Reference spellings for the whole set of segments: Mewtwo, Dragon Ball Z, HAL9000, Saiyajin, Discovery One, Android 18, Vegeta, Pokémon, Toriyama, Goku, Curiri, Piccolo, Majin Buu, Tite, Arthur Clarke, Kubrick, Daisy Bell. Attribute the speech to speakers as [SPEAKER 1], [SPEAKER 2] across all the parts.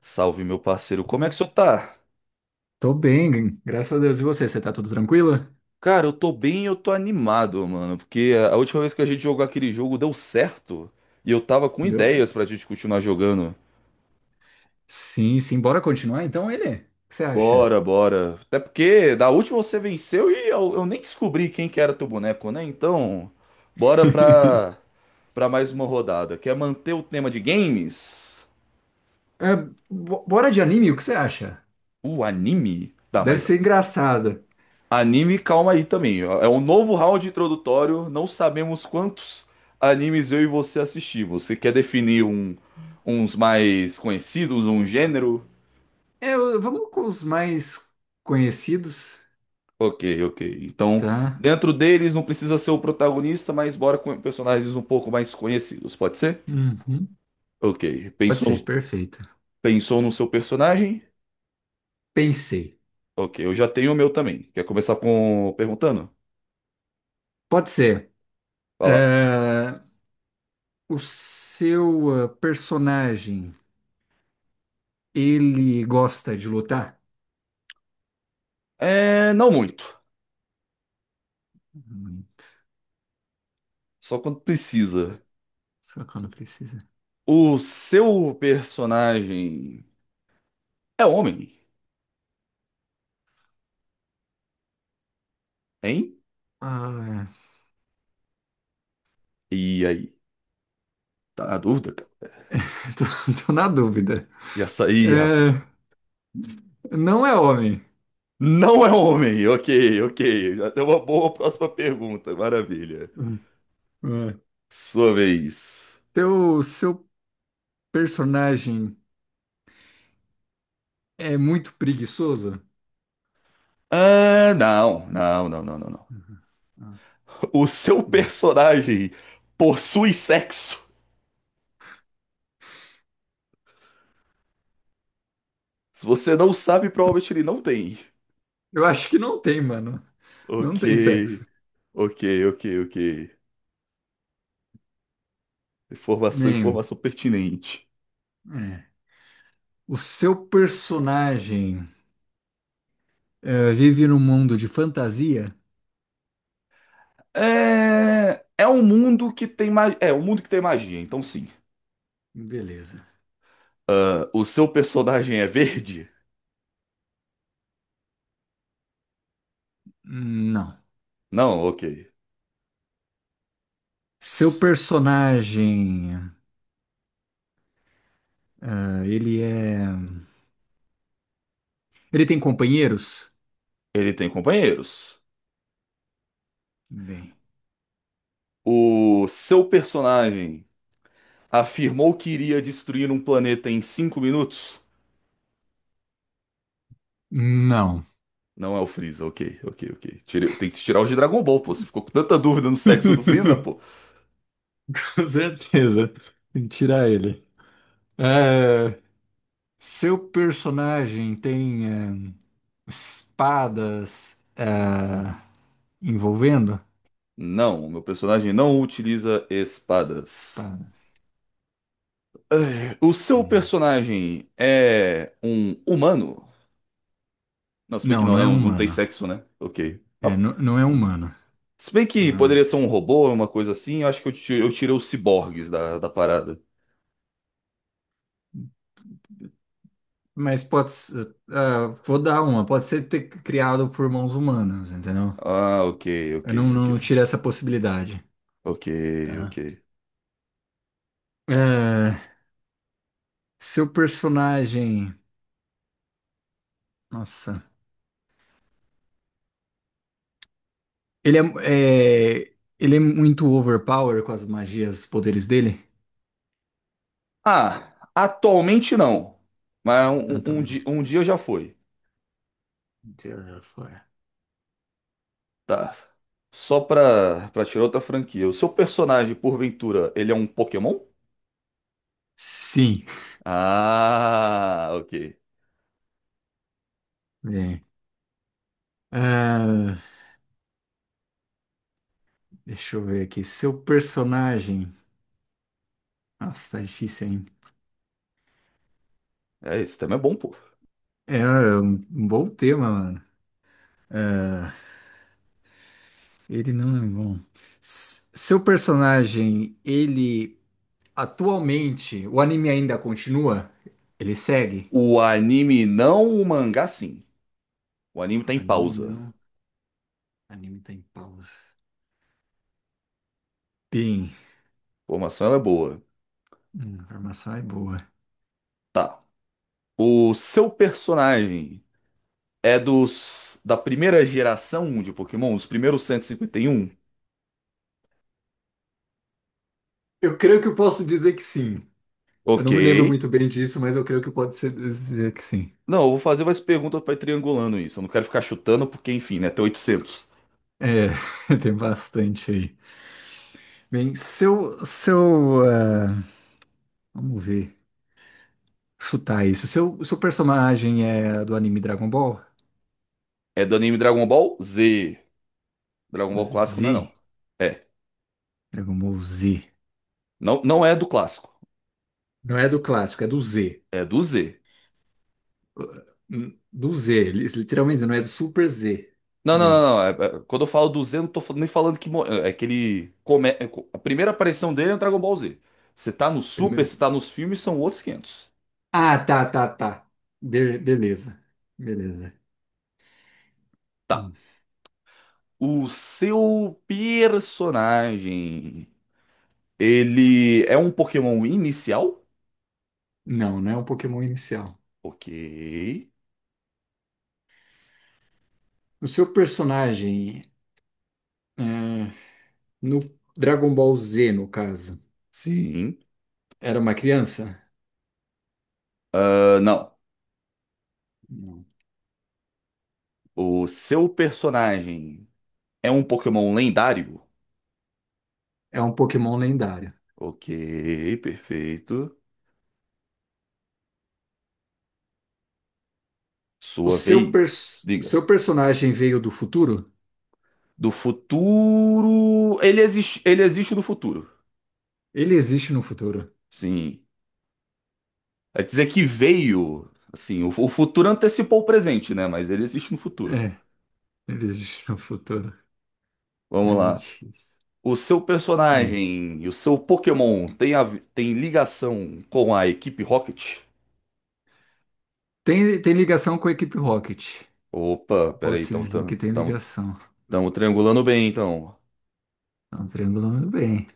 [SPEAKER 1] Salve, meu parceiro. Como é que o senhor tá?
[SPEAKER 2] Tô bem, graças a Deus. E você? Você tá tudo tranquilo?
[SPEAKER 1] Cara, eu tô bem, e eu tô animado, mano, porque a última vez que a gente jogou aquele jogo deu certo e eu tava com
[SPEAKER 2] Deu?
[SPEAKER 1] ideias pra gente continuar jogando.
[SPEAKER 2] Sim, sim. Bora continuar então, ele? O que você acha?
[SPEAKER 1] Bora, bora. Até porque da última você venceu e eu nem descobri quem que era teu boneco, né? Então, bora pra, pra mais uma rodada. Quer manter o tema de games?
[SPEAKER 2] É, bora de anime, o que você acha?
[SPEAKER 1] O anime? Tá,
[SPEAKER 2] Deve
[SPEAKER 1] mas.
[SPEAKER 2] ser engraçado.
[SPEAKER 1] Anime, calma aí também. É um novo round introdutório. Não sabemos quantos animes eu e você assistimos. Você quer definir um, uns mais conhecidos, um gênero?
[SPEAKER 2] Vamos com os mais conhecidos,
[SPEAKER 1] Ok, ok. Então,
[SPEAKER 2] tá?
[SPEAKER 1] dentro deles não precisa ser o protagonista, mas bora com personagens um pouco mais conhecidos, pode ser?
[SPEAKER 2] Uhum.
[SPEAKER 1] Ok.
[SPEAKER 2] Pode
[SPEAKER 1] Pensou no,
[SPEAKER 2] ser, perfeito.
[SPEAKER 1] pensou no seu personagem?
[SPEAKER 2] Pensei.
[SPEAKER 1] Ok, eu já tenho o meu também. Quer começar com perguntando?
[SPEAKER 2] Pode ser.
[SPEAKER 1] Vai lá.
[SPEAKER 2] É, o seu personagem, ele gosta de lutar?
[SPEAKER 1] É, não muito.
[SPEAKER 2] Muito.
[SPEAKER 1] Só quando precisa.
[SPEAKER 2] Só quando precisa.
[SPEAKER 1] O seu personagem é homem, hein?
[SPEAKER 2] Ah,
[SPEAKER 1] E aí? Tá na dúvida, cara?
[SPEAKER 2] tô, tô na dúvida.
[SPEAKER 1] Já saí, rapaz.
[SPEAKER 2] É, não é homem.
[SPEAKER 1] Não é homem. Ok, ok. Já deu uma boa próxima pergunta. Maravilha.
[SPEAKER 2] É.
[SPEAKER 1] Sua vez.
[SPEAKER 2] Seu personagem é muito preguiçoso?
[SPEAKER 1] Ah, não, não, não, não, não, não.
[SPEAKER 2] Ah,
[SPEAKER 1] O seu
[SPEAKER 2] é.
[SPEAKER 1] personagem possui sexo? Se você não sabe, provavelmente ele não tem.
[SPEAKER 2] Eu acho que não tem, mano. Não
[SPEAKER 1] Ok,
[SPEAKER 2] tem sexo.
[SPEAKER 1] ok, ok, ok. Informação,
[SPEAKER 2] Nem.
[SPEAKER 1] informação pertinente.
[SPEAKER 2] É. O seu personagem vive num mundo de fantasia?
[SPEAKER 1] É um mundo que tem magia. É um mundo que tem magia, então sim.
[SPEAKER 2] Beleza.
[SPEAKER 1] Ah, o seu personagem é verde?
[SPEAKER 2] Não.
[SPEAKER 1] Não, ok.
[SPEAKER 2] Seu personagem, ah, ele é. Ele tem companheiros?
[SPEAKER 1] Ele tem companheiros.
[SPEAKER 2] Bem.
[SPEAKER 1] O seu personagem afirmou que iria destruir um planeta em 5 minutos?
[SPEAKER 2] Não.
[SPEAKER 1] Não é o Freeza, ok, ok, ok. Tem que tirar os de Dragon Ball, pô. Você ficou com tanta dúvida no sexo do Freeza, pô.
[SPEAKER 2] Com certeza. Tem que tirar ele. É, seu personagem tem espadas envolvendo?
[SPEAKER 1] Não, meu personagem não utiliza espadas.
[SPEAKER 2] Espadas.
[SPEAKER 1] Ah, o seu
[SPEAKER 2] Tem.
[SPEAKER 1] personagem é um humano? Não, se bem que
[SPEAKER 2] Não,
[SPEAKER 1] não,
[SPEAKER 2] não
[SPEAKER 1] né?
[SPEAKER 2] é
[SPEAKER 1] Não, não tem
[SPEAKER 2] humano.
[SPEAKER 1] sexo, né? Ok. Mas
[SPEAKER 2] É, não, não é humano.
[SPEAKER 1] se bem que
[SPEAKER 2] Não é humano.
[SPEAKER 1] poderia ser um robô, uma coisa assim, eu acho que eu tirei os ciborgues da parada.
[SPEAKER 2] Mas pode ser. Ah, vou dar uma. Pode ser ter criado por mãos humanas, entendeu?
[SPEAKER 1] Ah, ok, ok,
[SPEAKER 2] Eu
[SPEAKER 1] ok.
[SPEAKER 2] não tirei essa possibilidade.
[SPEAKER 1] Ok, ok.
[SPEAKER 2] Tá. É, seu personagem. Nossa. Ele é, ele é muito overpower com as magias, os poderes dele?
[SPEAKER 1] Ah, atualmente não. Mas
[SPEAKER 2] Ah,
[SPEAKER 1] um,
[SPEAKER 2] tá.
[SPEAKER 1] um, um di- um dia já foi.
[SPEAKER 2] Deus já foi.
[SPEAKER 1] Tá. Só pra tirar outra franquia. O seu personagem, porventura, ele é um Pokémon?
[SPEAKER 2] Sim.
[SPEAKER 1] Ah, ok.
[SPEAKER 2] Bem. Ah, deixa eu ver aqui. Seu personagem. Nossa, tá difícil, hein?
[SPEAKER 1] É, esse tema é bom, pô.
[SPEAKER 2] É um um bom tema, mano. Ah, ele não é bom. Seu personagem, ele atualmente, o anime ainda continua? Ele segue?
[SPEAKER 1] O anime não, o mangá sim. O anime tá em
[SPEAKER 2] Anime
[SPEAKER 1] pausa. A
[SPEAKER 2] não. Anime tá em pausa. Bem,
[SPEAKER 1] informação ela é boa.
[SPEAKER 2] a informação é boa.
[SPEAKER 1] Tá. O seu personagem. É dos da primeira geração de Pokémon, os primeiros cento e cinquenta e um.
[SPEAKER 2] Eu creio que eu posso dizer que sim. Eu
[SPEAKER 1] Ok.
[SPEAKER 2] não me lembro muito bem disso, mas eu creio que pode ser dizer que sim.
[SPEAKER 1] Não, eu vou fazer umas perguntas pra ir triangulando isso. Eu não quero ficar chutando, porque, enfim, né? Tem 800.
[SPEAKER 2] É, tem bastante aí. Bem, ah, vamos ver, chutar isso. Seu personagem é do anime Dragon Ball?
[SPEAKER 1] É do anime Dragon Ball Z. Dragon Ball clássico não é,
[SPEAKER 2] Z,
[SPEAKER 1] não. É.
[SPEAKER 2] Dragon Ball Z.
[SPEAKER 1] Não, não é do clássico.
[SPEAKER 2] Não é do clássico, é do Z.
[SPEAKER 1] É do Z.
[SPEAKER 2] Do Z, literalmente, não é do Super Z.
[SPEAKER 1] Não, não, não,
[SPEAKER 2] Bem,
[SPEAKER 1] não. Quando eu falo do Z, eu não tô nem falando que. É que ele. A primeira aparição dele é no Dragon Ball Z. Você tá no Super, você
[SPEAKER 2] primeiro.
[SPEAKER 1] tá nos filmes, são outros 500.
[SPEAKER 2] Ah, tá. Beleza, beleza.
[SPEAKER 1] Tá.
[SPEAKER 2] Hum.
[SPEAKER 1] O seu personagem. Ele é um Pokémon inicial?
[SPEAKER 2] Não, não é um Pokémon inicial.
[SPEAKER 1] Ok.
[SPEAKER 2] O seu personagem, ah, no Dragon Ball Z, no caso,
[SPEAKER 1] Sim.
[SPEAKER 2] era uma criança?
[SPEAKER 1] Ah, não.
[SPEAKER 2] Não.
[SPEAKER 1] O seu personagem é um Pokémon lendário?
[SPEAKER 2] É um Pokémon lendário.
[SPEAKER 1] Ok, perfeito.
[SPEAKER 2] O
[SPEAKER 1] Sua vez. Diga.
[SPEAKER 2] seu personagem veio do futuro?
[SPEAKER 1] Do futuro. Ele existe do futuro.
[SPEAKER 2] Ele existe no futuro.
[SPEAKER 1] Sim. É dizer que veio. Assim, o futuro antecipou o presente, né? Mas ele existe no futuro.
[SPEAKER 2] É, ele existe no futuro.
[SPEAKER 1] Vamos
[SPEAKER 2] Aí é
[SPEAKER 1] lá.
[SPEAKER 2] difícil.
[SPEAKER 1] O seu
[SPEAKER 2] Bem,
[SPEAKER 1] personagem e o seu Pokémon tem ligação com a equipe Rocket?
[SPEAKER 2] tem, tem ligação com a equipe Rocket.
[SPEAKER 1] Opa, peraí,
[SPEAKER 2] Posso
[SPEAKER 1] então
[SPEAKER 2] dizer que tem
[SPEAKER 1] estamos
[SPEAKER 2] ligação.
[SPEAKER 1] triangulando bem, então.
[SPEAKER 2] Estão triangulando bem.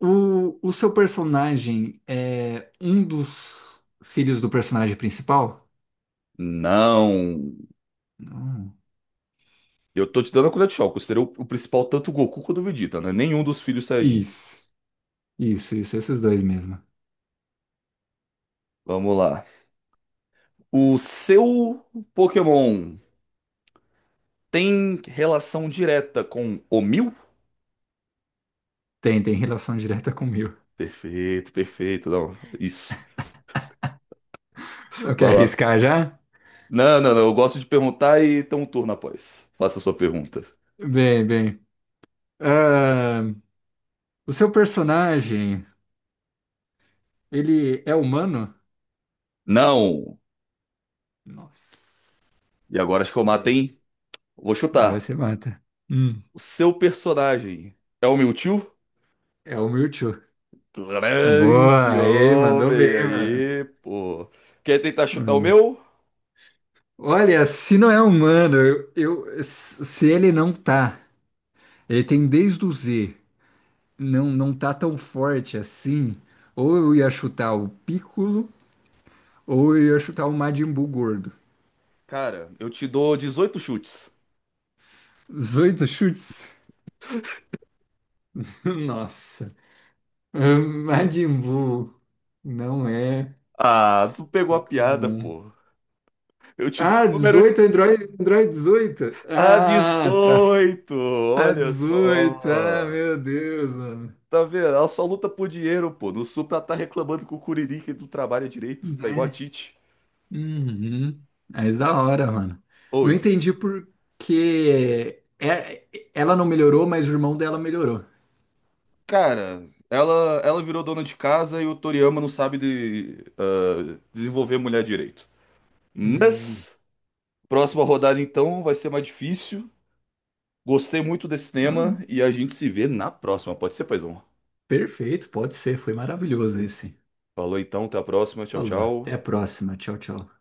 [SPEAKER 2] O seu personagem é um dos filhos do personagem principal?
[SPEAKER 1] Não.
[SPEAKER 2] Não.
[SPEAKER 1] Eu tô te dando a colher de chá. Eu considero o principal tanto o Goku quanto o Vegeta, né? Nenhum dos filhos Saiyajins.
[SPEAKER 2] Isso, isso, esses dois mesmo.
[SPEAKER 1] Vamos lá. O seu Pokémon tem relação direta com o Mil?
[SPEAKER 2] Tem, tem relação direta com o meu.
[SPEAKER 1] Perfeito, perfeito. Não, isso.
[SPEAKER 2] Não quer
[SPEAKER 1] Vai lá.
[SPEAKER 2] arriscar já?
[SPEAKER 1] Não, não, não. Eu gosto de perguntar e tem um turno após. Faça a sua pergunta.
[SPEAKER 2] Bem. Ah, o seu personagem, ele é humano?
[SPEAKER 1] Não.
[SPEAKER 2] Nossa.
[SPEAKER 1] E agora acho que eu mato,
[SPEAKER 2] Bem,
[SPEAKER 1] hein? Vou
[SPEAKER 2] agora
[SPEAKER 1] chutar.
[SPEAKER 2] você mata. Hum.
[SPEAKER 1] O seu personagem é o Mewtwo?
[SPEAKER 2] É o Mewtwo.
[SPEAKER 1] Grande
[SPEAKER 2] Boa, aí, mandou
[SPEAKER 1] homem
[SPEAKER 2] bem, mano.
[SPEAKER 1] aí, pô. Quer tentar chutar o
[SPEAKER 2] Mano.
[SPEAKER 1] meu?
[SPEAKER 2] Olha, se não é humano, eu, se ele não tá, ele tem desde o Z, não, não tá tão forte assim, ou eu ia chutar o Piccolo, ou eu ia chutar o Majin Buu gordo.
[SPEAKER 1] Cara, eu te dou 18 chutes.
[SPEAKER 2] 18 chutes? Nossa. Majin Buu. Não é.
[SPEAKER 1] Ah, tu pegou a
[SPEAKER 2] Não
[SPEAKER 1] piada,
[SPEAKER 2] é.
[SPEAKER 1] pô. Eu te dou
[SPEAKER 2] Ah,
[SPEAKER 1] o número.
[SPEAKER 2] 18, Android dezoito,
[SPEAKER 1] Ah,
[SPEAKER 2] Ah, tá.
[SPEAKER 1] 18!
[SPEAKER 2] Ah,
[SPEAKER 1] Olha
[SPEAKER 2] 18. Ah,
[SPEAKER 1] só.
[SPEAKER 2] meu Deus, mano.
[SPEAKER 1] Tá vendo? Ela só luta por dinheiro, pô. No Supra ela tá reclamando com o Curiri que não trabalha direito. Tá igual a
[SPEAKER 2] Né?
[SPEAKER 1] Tite.
[SPEAKER 2] Uhum. Mas da hora, mano.
[SPEAKER 1] Ou
[SPEAKER 2] Não
[SPEAKER 1] esse.
[SPEAKER 2] entendi que é- ela não melhorou, mas o irmão dela melhorou.
[SPEAKER 1] Cara, ela virou dona de casa e o Toriyama não sabe de, desenvolver mulher direito.
[SPEAKER 2] Hum.
[SPEAKER 1] Mas. Próxima rodada, então, vai ser mais difícil. Gostei muito desse
[SPEAKER 2] Ah,
[SPEAKER 1] tema e a gente se vê na próxima. Pode ser, paizão?
[SPEAKER 2] perfeito, pode ser. Foi maravilhoso esse.
[SPEAKER 1] Falou então, até a próxima. Tchau,
[SPEAKER 2] Falou. Até a
[SPEAKER 1] tchau.
[SPEAKER 2] próxima. Tchau, tchau.